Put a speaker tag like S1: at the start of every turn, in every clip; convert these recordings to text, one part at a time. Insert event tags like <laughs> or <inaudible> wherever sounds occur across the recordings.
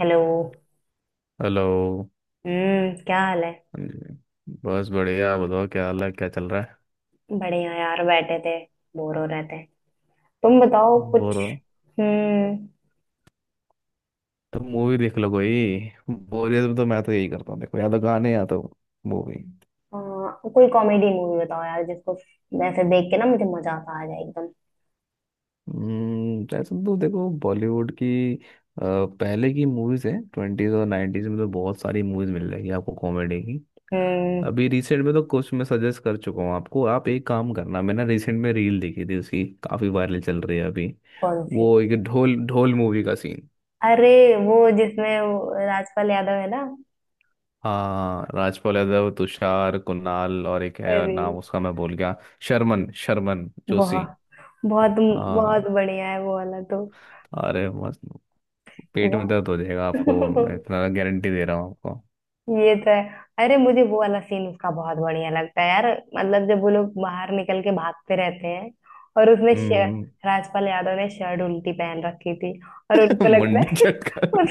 S1: Hello.
S2: Hello.
S1: हम्म, क्या हाल है?
S2: हाँ जी। बस बढ़िया, बताओ क्या हाल है, क्या चल रहा है?
S1: बढ़िया यार, बैठे थे। बोर हो रहे थे। तुम बताओ कुछ।
S2: बोर हो
S1: हम्म।
S2: तो मूवी देख लो कोई। बोरियत में तो मैं तो यही करता हूँ, देखो, या तो गाने या तो मूवी।
S1: अ, कोई कॉमेडी मूवी बताओ यार, जिसको वैसे देख के ना मुझे मजा आता आ जाए एकदम।
S2: ऐसे तो देखो बॉलीवुड की। अ, पहले की मूवीज है ट्वेंटीज और नाइन्टीज में, तो बहुत सारी मूवीज मिल जाएगी आपको कॉमेडी की।
S1: हम्म।
S2: अभी रिसेंट में तो कुछ मैं सजेस्ट कर चुका हूँ आपको। आप एक काम करना, मैंने रिसेंट में रील देखी थी, उसकी काफी वायरल चल रही है अभी।
S1: कौन सी?
S2: वो एक ढोल ढोल मूवी का सीन।
S1: अरे, वो जिसमें वो राजपाल यादव है ना।
S2: हाँ, राजपाल यादव, तुषार, कुणाल और एक है और
S1: अरे,
S2: नाम उसका मैं भूल गया। शर्मन शर्मन जोशी।
S1: बहुत बहुत बहुत
S2: हाँ।
S1: बढ़िया है वो वाला तो।
S2: अरे मस्त। पेट में दर्द हो जाएगा
S1: वो
S2: आपको, मैं
S1: <laughs>
S2: इतना गारंटी दे रहा हूँ आपको।
S1: ये तो है। अरे, मुझे वो वाला सीन उसका बहुत बढ़िया लगता है यार। मतलब जब वो लोग बाहर निकल के भागते रहते हैं, और उसने शर्ट
S2: हम्म।
S1: राजपाल यादव ने शर्ट उल्टी पहन रखी थी। और
S2: <laughs>
S1: उनको लगता
S2: मुंडी
S1: है <laughs>
S2: चटकर।
S1: उस,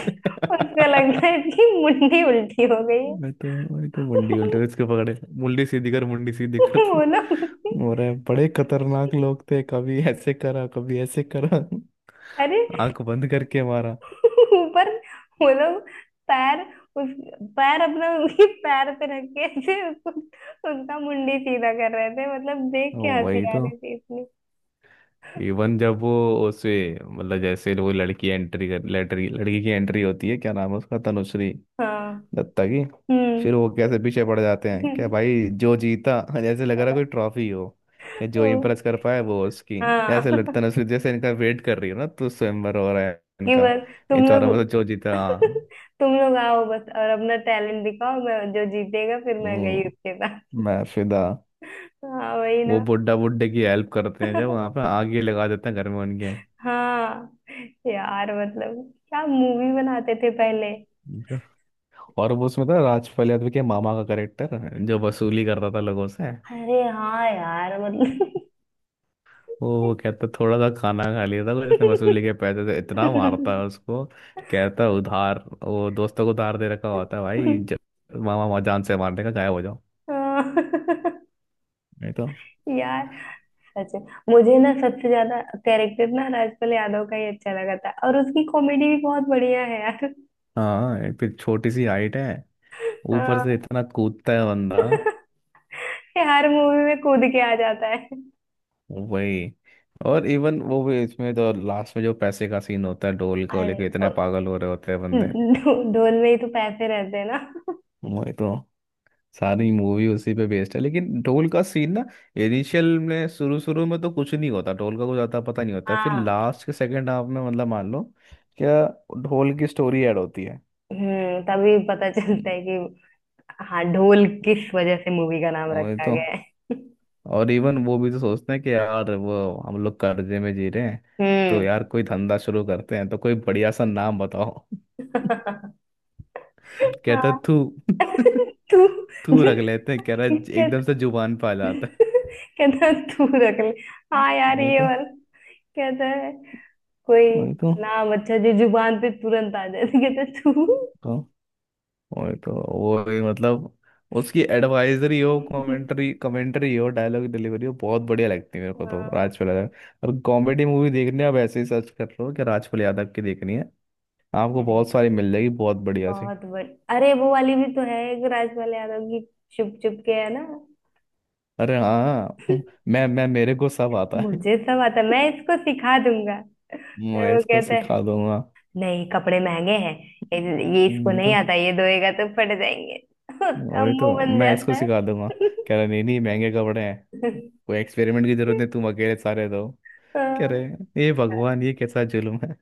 S1: उसको लगता है कि मुंडी उल्टी हो गई है।
S2: मैं तो मैं तो मुंडी उल्टे इसके
S1: <laughs>
S2: पकड़े, मुंडी सीधी कर, मुंडी सीधी कर।
S1: वो लोग,
S2: और ये बड़े खतरनाक लोग थे, कभी ऐसे करा, कभी ऐसे करा।
S1: अरे
S2: आंख बंद करके मारा।
S1: <laughs> ऊपर, वो लोग, पैर, उस, पैर अपना उसके पैर पे रख के ऐसे उसका मुंडी सीधा कर रहे थे। मतलब देख के
S2: वही
S1: हंसी आ
S2: तो।
S1: रही थी।
S2: इवन जब वो उसे, मतलब जैसे वो लड़की की एंट्री होती है, क्या नाम है उसका? तनुश्री
S1: हाँ।
S2: दत्ता की। फिर
S1: हम्म।
S2: वो कैसे पीछे पड़ जाते हैं, क्या
S1: <laughs>
S2: भाई, जो जीता <laughs> जैसे लग रहा है कोई ट्रॉफी हो। क्या, जो
S1: ओ,
S2: इम्प्रेस कर पाए वो उसकी,
S1: हाँ।
S2: जैसे
S1: <laughs>
S2: तनुश्री जैसे इनका वेट कर रही हो ना, तो स्वयंवर हो रहा है
S1: कि
S2: इनका।
S1: बस,
S2: इन
S1: तुम
S2: चारों में
S1: लोग।
S2: से जो जीता,
S1: <laughs>
S2: हाँ।
S1: तुम लोग आओ बस, और अपना टैलेंट दिखाओ। मैं जो जीतेगा, फिर मैं गई
S2: हम्म,
S1: उसके साथ।
S2: मैं फिदा।
S1: हाँ, वही
S2: वो
S1: ना।
S2: बुड्ढा, बुड्ढे की हेल्प करते हैं जब, वहाँ पे
S1: <laughs>
S2: आग ही लगा देते हैं घर में उनके।
S1: हाँ यार, मतलब क्या मूवी बनाते थे पहले।
S2: और वो उसमें था राजपाल यादव के मामा का करेक्टर, जो वसूली करता था लोगों से।
S1: अरे हाँ यार, मतलब।
S2: वो कहता थोड़ा सा खाना खा लिया था जिसने वसूली के पैसे से, इतना मारता है
S1: <laughs>
S2: उसको। कहता उधार, वो दोस्तों को उधार दे रखा होता है भाई, जब मामा मामा जान से मारने का, गायब हो जाओ।
S1: हाँ।
S2: नहीं तो।
S1: <laughs> यार सच में। मुझे ना सबसे ज्यादा कैरेक्टर ना राजपाल यादव का ही अच्छा लगा था, और उसकी कॉमेडी भी बहुत बढ़िया है यार।
S2: हाँ, एक फिर छोटी सी हाइट है, ऊपर
S1: हाँ।
S2: से इतना कूदता है बंदा।
S1: <laughs> ये हर मूवी में कूद के आ जाता है।
S2: वही। और इवन वो भी इसमें, जो लास्ट में जो पैसे का सीन होता है, ढोल को
S1: अरे,
S2: लेके इतने
S1: और
S2: पागल हो रहे होते हैं बंदे।
S1: ढोल में ही तो पैसे रहते हैं ना।
S2: वही तो, सारी मूवी उसी पे बेस्ड है, लेकिन ढोल का सीन ना, इनिशियल में, शुरू शुरू में तो कुछ नहीं होता, ढोल का कुछ आता पता नहीं होता, फिर
S1: हाँ।
S2: लास्ट के सेकंड हाफ में, मतलब मान लो क्या, ढोल की स्टोरी ऐड होती है।
S1: तभी पता चलता
S2: हम्म,
S1: है कि हाँ, ढोल किस वजह से मूवी का नाम
S2: और ये
S1: रखा
S2: तो,
S1: गया है।
S2: और इवन वो भी तो सोचते हैं कि यार वो, हम लोग कर्जे में जी रहे हैं, तो
S1: हम्म।
S2: यार कोई धंधा शुरू करते हैं, तो कोई बढ़िया सा नाम बताओ <laughs>
S1: <laughs>
S2: कहता
S1: हाँ।
S2: तू <laughs>
S1: <laughs> तू,
S2: तू रख लेते हैं, कह रहा
S1: इसके
S2: एकदम से जुबान पे आ जाता है।
S1: कहता है, तू रख ले। हाँ यार,
S2: नहीं
S1: ये
S2: तो।
S1: वाला। कहता है कोई
S2: नहीं तो।
S1: नाम अच्छा जो जुबान पे तुरंत आ जाए, तो कहता है, तू।
S2: तो वही तो। वो ही मतलब, उसकी एडवाइजरी हो, कमेंट्री कमेंट्री हो, डायलॉग डिलीवरी हो, बहुत बढ़िया लगती है मेरे को। तो राजपाल
S1: हाँ।
S2: यादव और कॉमेडी मूवी देखने आप ऐसे ही सर्च कर लो कि राजपाल यादव की देखनी है। आपको
S1: अरे,
S2: बहुत सारी मिल जाएगी, बहुत बढ़िया सी।
S1: बहुत बड़ी। अरे, वो वाली भी तो है, एक राजपाल यादव की, चुप चुप के, है ना?
S2: अरे हाँ <laughs> मैं मेरे को सब आता है,
S1: मुझे सब आता है, मैं इसको सिखा दूंगा। फिर
S2: मैं
S1: वो
S2: इसको
S1: कहता है,
S2: सिखा दूंगा।
S1: नहीं कपड़े महंगे हैं। ये ये इसको
S2: वही
S1: नहीं
S2: तो,
S1: आता, ये धोएगा तो फट जाएंगे। <laughs> उसका
S2: वही
S1: मुंह
S2: तो,
S1: बन
S2: मैं इसको
S1: जाता है।
S2: सिखा दूंगा। कह रहा नहीं नहीं, महंगे कपड़े हैं, कोई एक्सपेरिमेंट की जरूरत नहीं,
S1: <laughs>
S2: तुम अकेले सारे दो। कह रहे
S1: हाँ।
S2: हे भगवान, ये कैसा जुल्म है।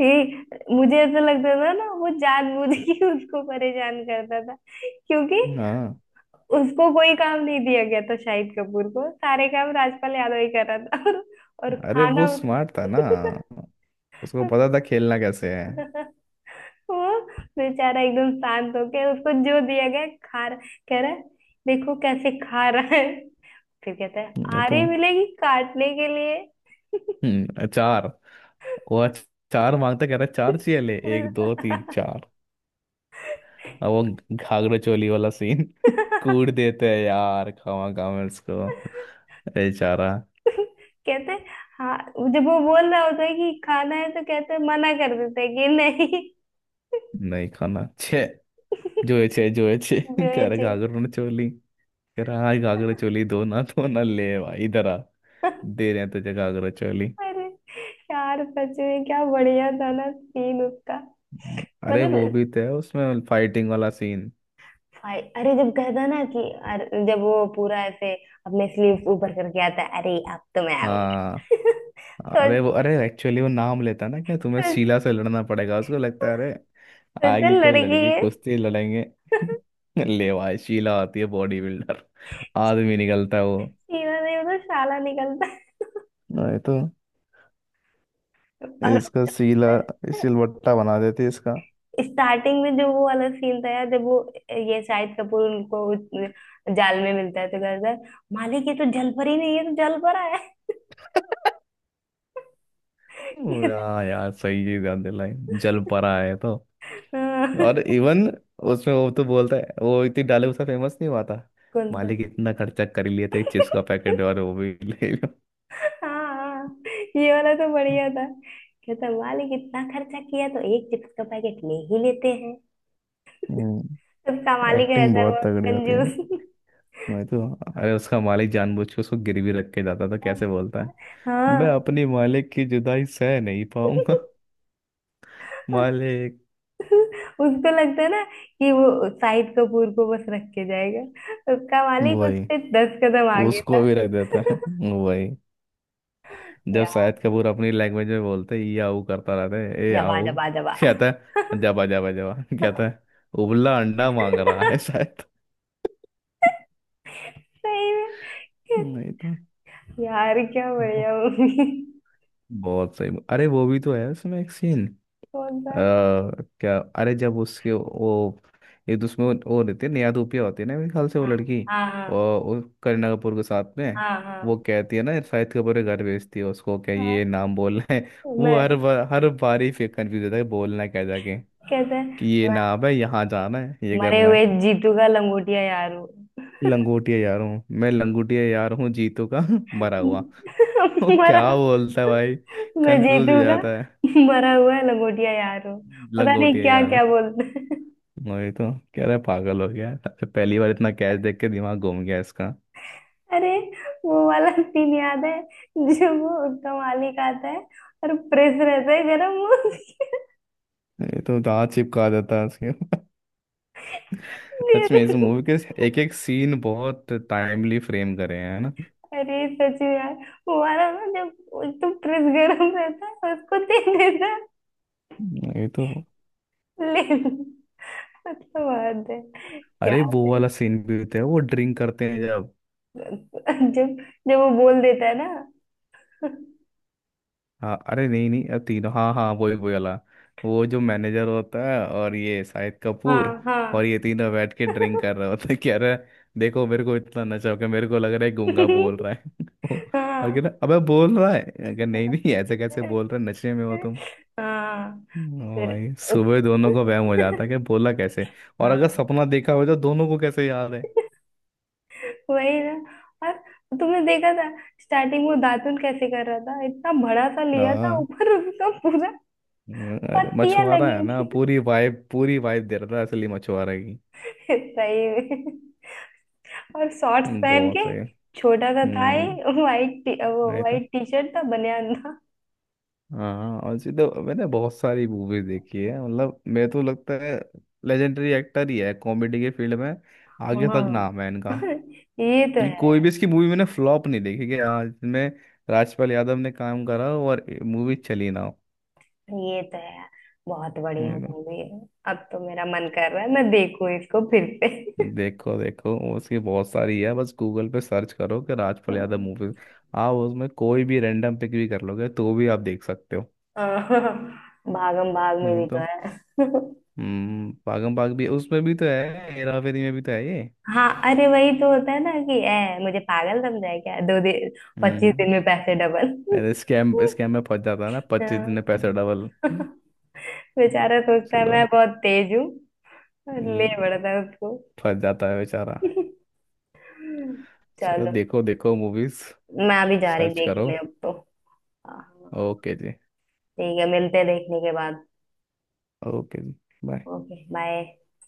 S1: ये, मुझे ऐसा लगता था ना वो जानबूझ के उसको परेशान करता था, क्योंकि
S2: हाँ।
S1: उसको कोई काम नहीं दिया गया था। शाहिद कपूर को सारे काम राजपाल यादव ही कर रहा था, और
S2: अरे
S1: खाना
S2: वो स्मार्ट था ना, उसको पता था खेलना कैसे है।
S1: वो बेचारा एकदम शांत होके उसको जो दिया गया खा रहा। कह रहा है, देखो कैसे खा रहा है। फिर कहता है,
S2: ये तो,
S1: आरी मिलेगी काटने के लिए।
S2: हम्म, चार, वो चार मांगता, कह रहा है, चार चाहिए, ले एक दो तीन चार। अब वो घाघरा चोली वाला सीन, <laughs> कूट देते हैं यार, खावा खावा इसको। अरे चारा,
S1: कहते हैं, हाँ। जब वो बोल रहा होता है कि खाना है, तो कहते हैं, मना कर देते हैं कि नहीं।
S2: नहीं खाना छे। जो है छे, जो है छे
S1: <laughs> जो
S2: <laughs>
S1: है
S2: कह रहा
S1: जे।
S2: घाघरा चोली। कह रहा हाँ, घाघरा चोली दो ना <laughs> दो ना, ले भाई इधर आ, दे रहे हैं तुझे घाघरा चोली।
S1: अरे यार, सच में क्या बढ़िया था ना सीन उसका।
S2: अरे वो
S1: मतलब
S2: भी तो है उसमें फाइटिंग वाला सीन।
S1: भाई, अरे जब कहता ना कि, अरे जब वो पूरा ऐसे अपने स्लीव्स ऊपर करके आता है, अरे अब तो मैं
S2: हाँ,
S1: आऊंगा। <laughs>
S2: अरे
S1: सोच,
S2: वो, अरे एक्चुअली वो नाम लेता है ना, क्या तुम्हें
S1: सोच,
S2: शीला से लड़ना पड़ेगा, उसको लगता है अरे,
S1: सोच
S2: आएगी कोई
S1: लड़की
S2: लड़की,
S1: है।
S2: कुश्ती लड़ेंगे। <laughs> ले भाई, शीला आती है बॉडी बिल्डर, आदमी निकलता है वो।
S1: सीना नहीं तो शाला निकलता है।
S2: नहीं तो। इसका शीला
S1: और
S2: सिलवट्टा बना देती है इसका।
S1: स्टार्टिंग में जो वो वाला सीन था यार, जब वो ये शाहिद कपूर उनको उस जाल में मिलता है, तो कहता है, मालिक ये तो जलपरी नहीं है, तो जलपरा है।
S2: <laughs> हाँ
S1: <laughs>
S2: यार, सही चीज याद दिलाई। जल परा है तो।
S1: हाँ।
S2: और इवन उसमें वो तो बोलता है, वो इतनी डाले उसका फेमस नहीं हुआ था।
S1: कौन सा?
S2: मालिक इतना खर्चा कर लिए थे, एक चिप्स का पैकेट और वो भी ले लो
S1: हाँ, ये वाला तो बढ़िया था।
S2: <laughs>
S1: कहता, मालिक इतना खर्चा किया तो एक चिप्स का पैकेट ले ही लेते हैं।
S2: हम्म।
S1: उसका मालिक
S2: एक्टिंग
S1: रहता है
S2: बहुत
S1: वो,
S2: तगड़ी होती है।
S1: कंजूस।
S2: मैं तो, अरे उसका मालिक जानबूझ के उसको गिरवी रख के जाता था, कैसे बोलता है, मैं
S1: हाँ।
S2: अपने मालिक की जुदाई सह नहीं पाऊंगा <laughs> मालिक।
S1: <laughs> उसको लगता है ना कि वो शाहिद कपूर को बस रख के जाएगा, उसका मालिक
S2: वही,
S1: उससे 10 कदम आगे
S2: उसको
S1: था।
S2: भी रख देता है।
S1: <laughs>
S2: वही, जब
S1: यार,
S2: शाहिद कपूर अपनी लैंग्वेज में बोलते ये आओ करता रहता है, ए
S1: जबा
S2: आओ
S1: जबा जबा।
S2: <laughs> कहता है जाबा जाबा जाबा <laughs> कहता है उबला
S1: <laughs>
S2: अंडा मांग रहा है
S1: सही
S2: शायद <laughs>
S1: में।
S2: नहीं तो।
S1: यार, क्या
S2: वो-
S1: बढ़िया मूवी।
S2: बहुत सही, अरे वो भी तो है उसमें एक सीन।
S1: कौन सा?
S2: अ, क्या, अरे जब उसके वो एक दूसरे में वो रहते हैं, नेहा धूपिया होती है ना मेरे ख्याल से वो
S1: हाँ
S2: लड़की,
S1: हाँ हाँ।
S2: और वो करीना कपूर के साथ में।
S1: हाँ
S2: वो
S1: हाँ
S2: कहती है ना, शाहिद कपूर के घर भेजती है उसको, क्या ये
S1: हाँ।
S2: नाम बोलना है <laughs> वो
S1: मैं,
S2: हर बार ही फिर कंफ्यूज होता है कि बोलना क्या, जाके
S1: कहते हैं,
S2: कि ये
S1: मैं
S2: नाम है, यहाँ जाना है, ये
S1: मरे
S2: करना
S1: हुए
S2: है।
S1: जीतू का लंगोटिया यार हूँ।
S2: लंगोटिया यार हूँ, मैं लंगोटिया यार हूँ जीतू का <laughs> मरा हुआ।
S1: <laughs>
S2: वो
S1: मरा,
S2: क्या बोलता है भाई,
S1: मैं
S2: कंफ्यूज
S1: जीतू
S2: हो
S1: का
S2: जाता है,
S1: मरा हुआ लंगोटिया यार हो। पता नहीं
S2: लंगोटिया
S1: क्या
S2: यार।
S1: क्या बोलते हैं।
S2: वही तो, कह रहा है पागल हो गया है। अरे पहली बार इतना कैच देख के दिमाग घूम गया इसका।
S1: अरे, वो वाला सीन याद है, जो वो उसका मालिक आता है और प्रेस रहता है गरम।
S2: ये तो दांत चिपका देता है उसके <laughs>
S1: दे
S2: सच
S1: दे।
S2: में इस मूवी के एक एक सीन बहुत टाइमली फ्रेम करे हैं, है ना।
S1: अरे सच में यार, वो वाला ना, जब तो प्रेस गरम रहता है उसको दे देता है।
S2: ये तो,
S1: ले, मतलब बात है। क्या
S2: अरे वो
S1: है?
S2: वाला सीन भी होता है वो ड्रिंक करते हैं जब।
S1: जब जब वो बोल देता है ना।
S2: हाँ, अरे नहीं नहीं, अब तीनों, हाँ हाँ, वही वही वाला। वो जो मैनेजर होता है और ये शाहिद कपूर,
S1: हाँ
S2: और
S1: हाँ।
S2: ये तीनों बैठ के ड्रिंक
S1: <laughs>
S2: कर रहे होते हैं कि अरे देखो, मेरे को इतना नशा हो गया, मेरे को लग रहा है गूंगा बोल रहा है <laughs> और कह
S1: हाँ
S2: रहा अबे बोल रहा है, अगर नहीं नहीं ऐसे कैसे बोल रहे, नशे में हो तुम।
S1: हाँ।
S2: ओ
S1: फिर
S2: भाई, सुबह दोनों को वहम हो जाता है कि बोला कैसे, और अगर
S1: हाँ,
S2: सपना देखा हो तो दोनों को कैसे याद है।
S1: वही ना। और तुमने देखा था स्टार्टिंग में दातुन कैसे कर रहा था? इतना बड़ा सा लिया था
S2: हाँ,
S1: ऊपर उसका पूरा।
S2: अरे
S1: पत्तियां
S2: मछुआरा
S1: लगी
S2: है ना,
S1: थी।
S2: पूरी वाइब दे रहा था असली मछुआरे की।
S1: <laughs> सही में। और शॉर्ट्स पहन के
S2: बहुत है।
S1: छोटा सा था ही। वो
S2: नहीं था।
S1: व्हाइट टी शर्ट था, बनियान।
S2: हाँ, और सीधे मैंने बहुत सारी मूवीज देखी है, मतलब मेरे तो लगता है लेजेंडरी एक्टर ही है कॉमेडी के फील्ड में, आगे तक
S1: हम्म।
S2: नाम है इनका,
S1: <laughs> ये तो है
S2: कि कोई
S1: यार।
S2: भी इसकी मूवी मैंने फ्लॉप नहीं देखी, कि हाँ इसमें राजपाल यादव ने काम करा हो और मूवी चली ना हो।
S1: ये तो है यार। बहुत बढ़िया
S2: वही ना।
S1: मूवी है। अब तो मेरा मन कर रहा है मैं देखूं इसको फिर से।
S2: देखो देखो, उसकी बहुत सारी है, बस गूगल पे सर्च करो कि राजपाल यादव मूवी, आप उसमें कोई भी रैंडम पिक भी कर लोगे तो भी आप देख सकते हो।
S1: <laughs> भागम भाग में
S2: नहीं
S1: भी तो
S2: तो।
S1: है। <laughs>
S2: हम्म, पागम पाग भी उसमें भी तो है, हेरा फेरी में भी तो है ये।
S1: हाँ। अरे, वही तो होता है ना कि ए, मुझे पागल समझा है क्या? 2 दिन, पच्चीस
S2: हम्म,
S1: दिन में पैसे डबल।
S2: अरे स्कैम
S1: <laughs>
S2: स्कैम में फंस जाता है ना, 25 दिन में
S1: हाँ।
S2: पैसे डबल।
S1: <laughs> बेचारा सोचता है
S2: चलो।
S1: मैं बहुत तेज हूँ। ले
S2: हम्म,
S1: पड़ता है उसको।
S2: फंस जाता है बेचारा।
S1: <laughs>
S2: चलो,
S1: चलो,
S2: देखो देखो मूवीज,
S1: मैं अभी जा रही
S2: सर्च करो।
S1: देखने अब तो। हाँ,
S2: ओके जी।
S1: ठीक है, मिलते हैं देखने के बाद।
S2: ओके जी, बाय।
S1: Okay bye.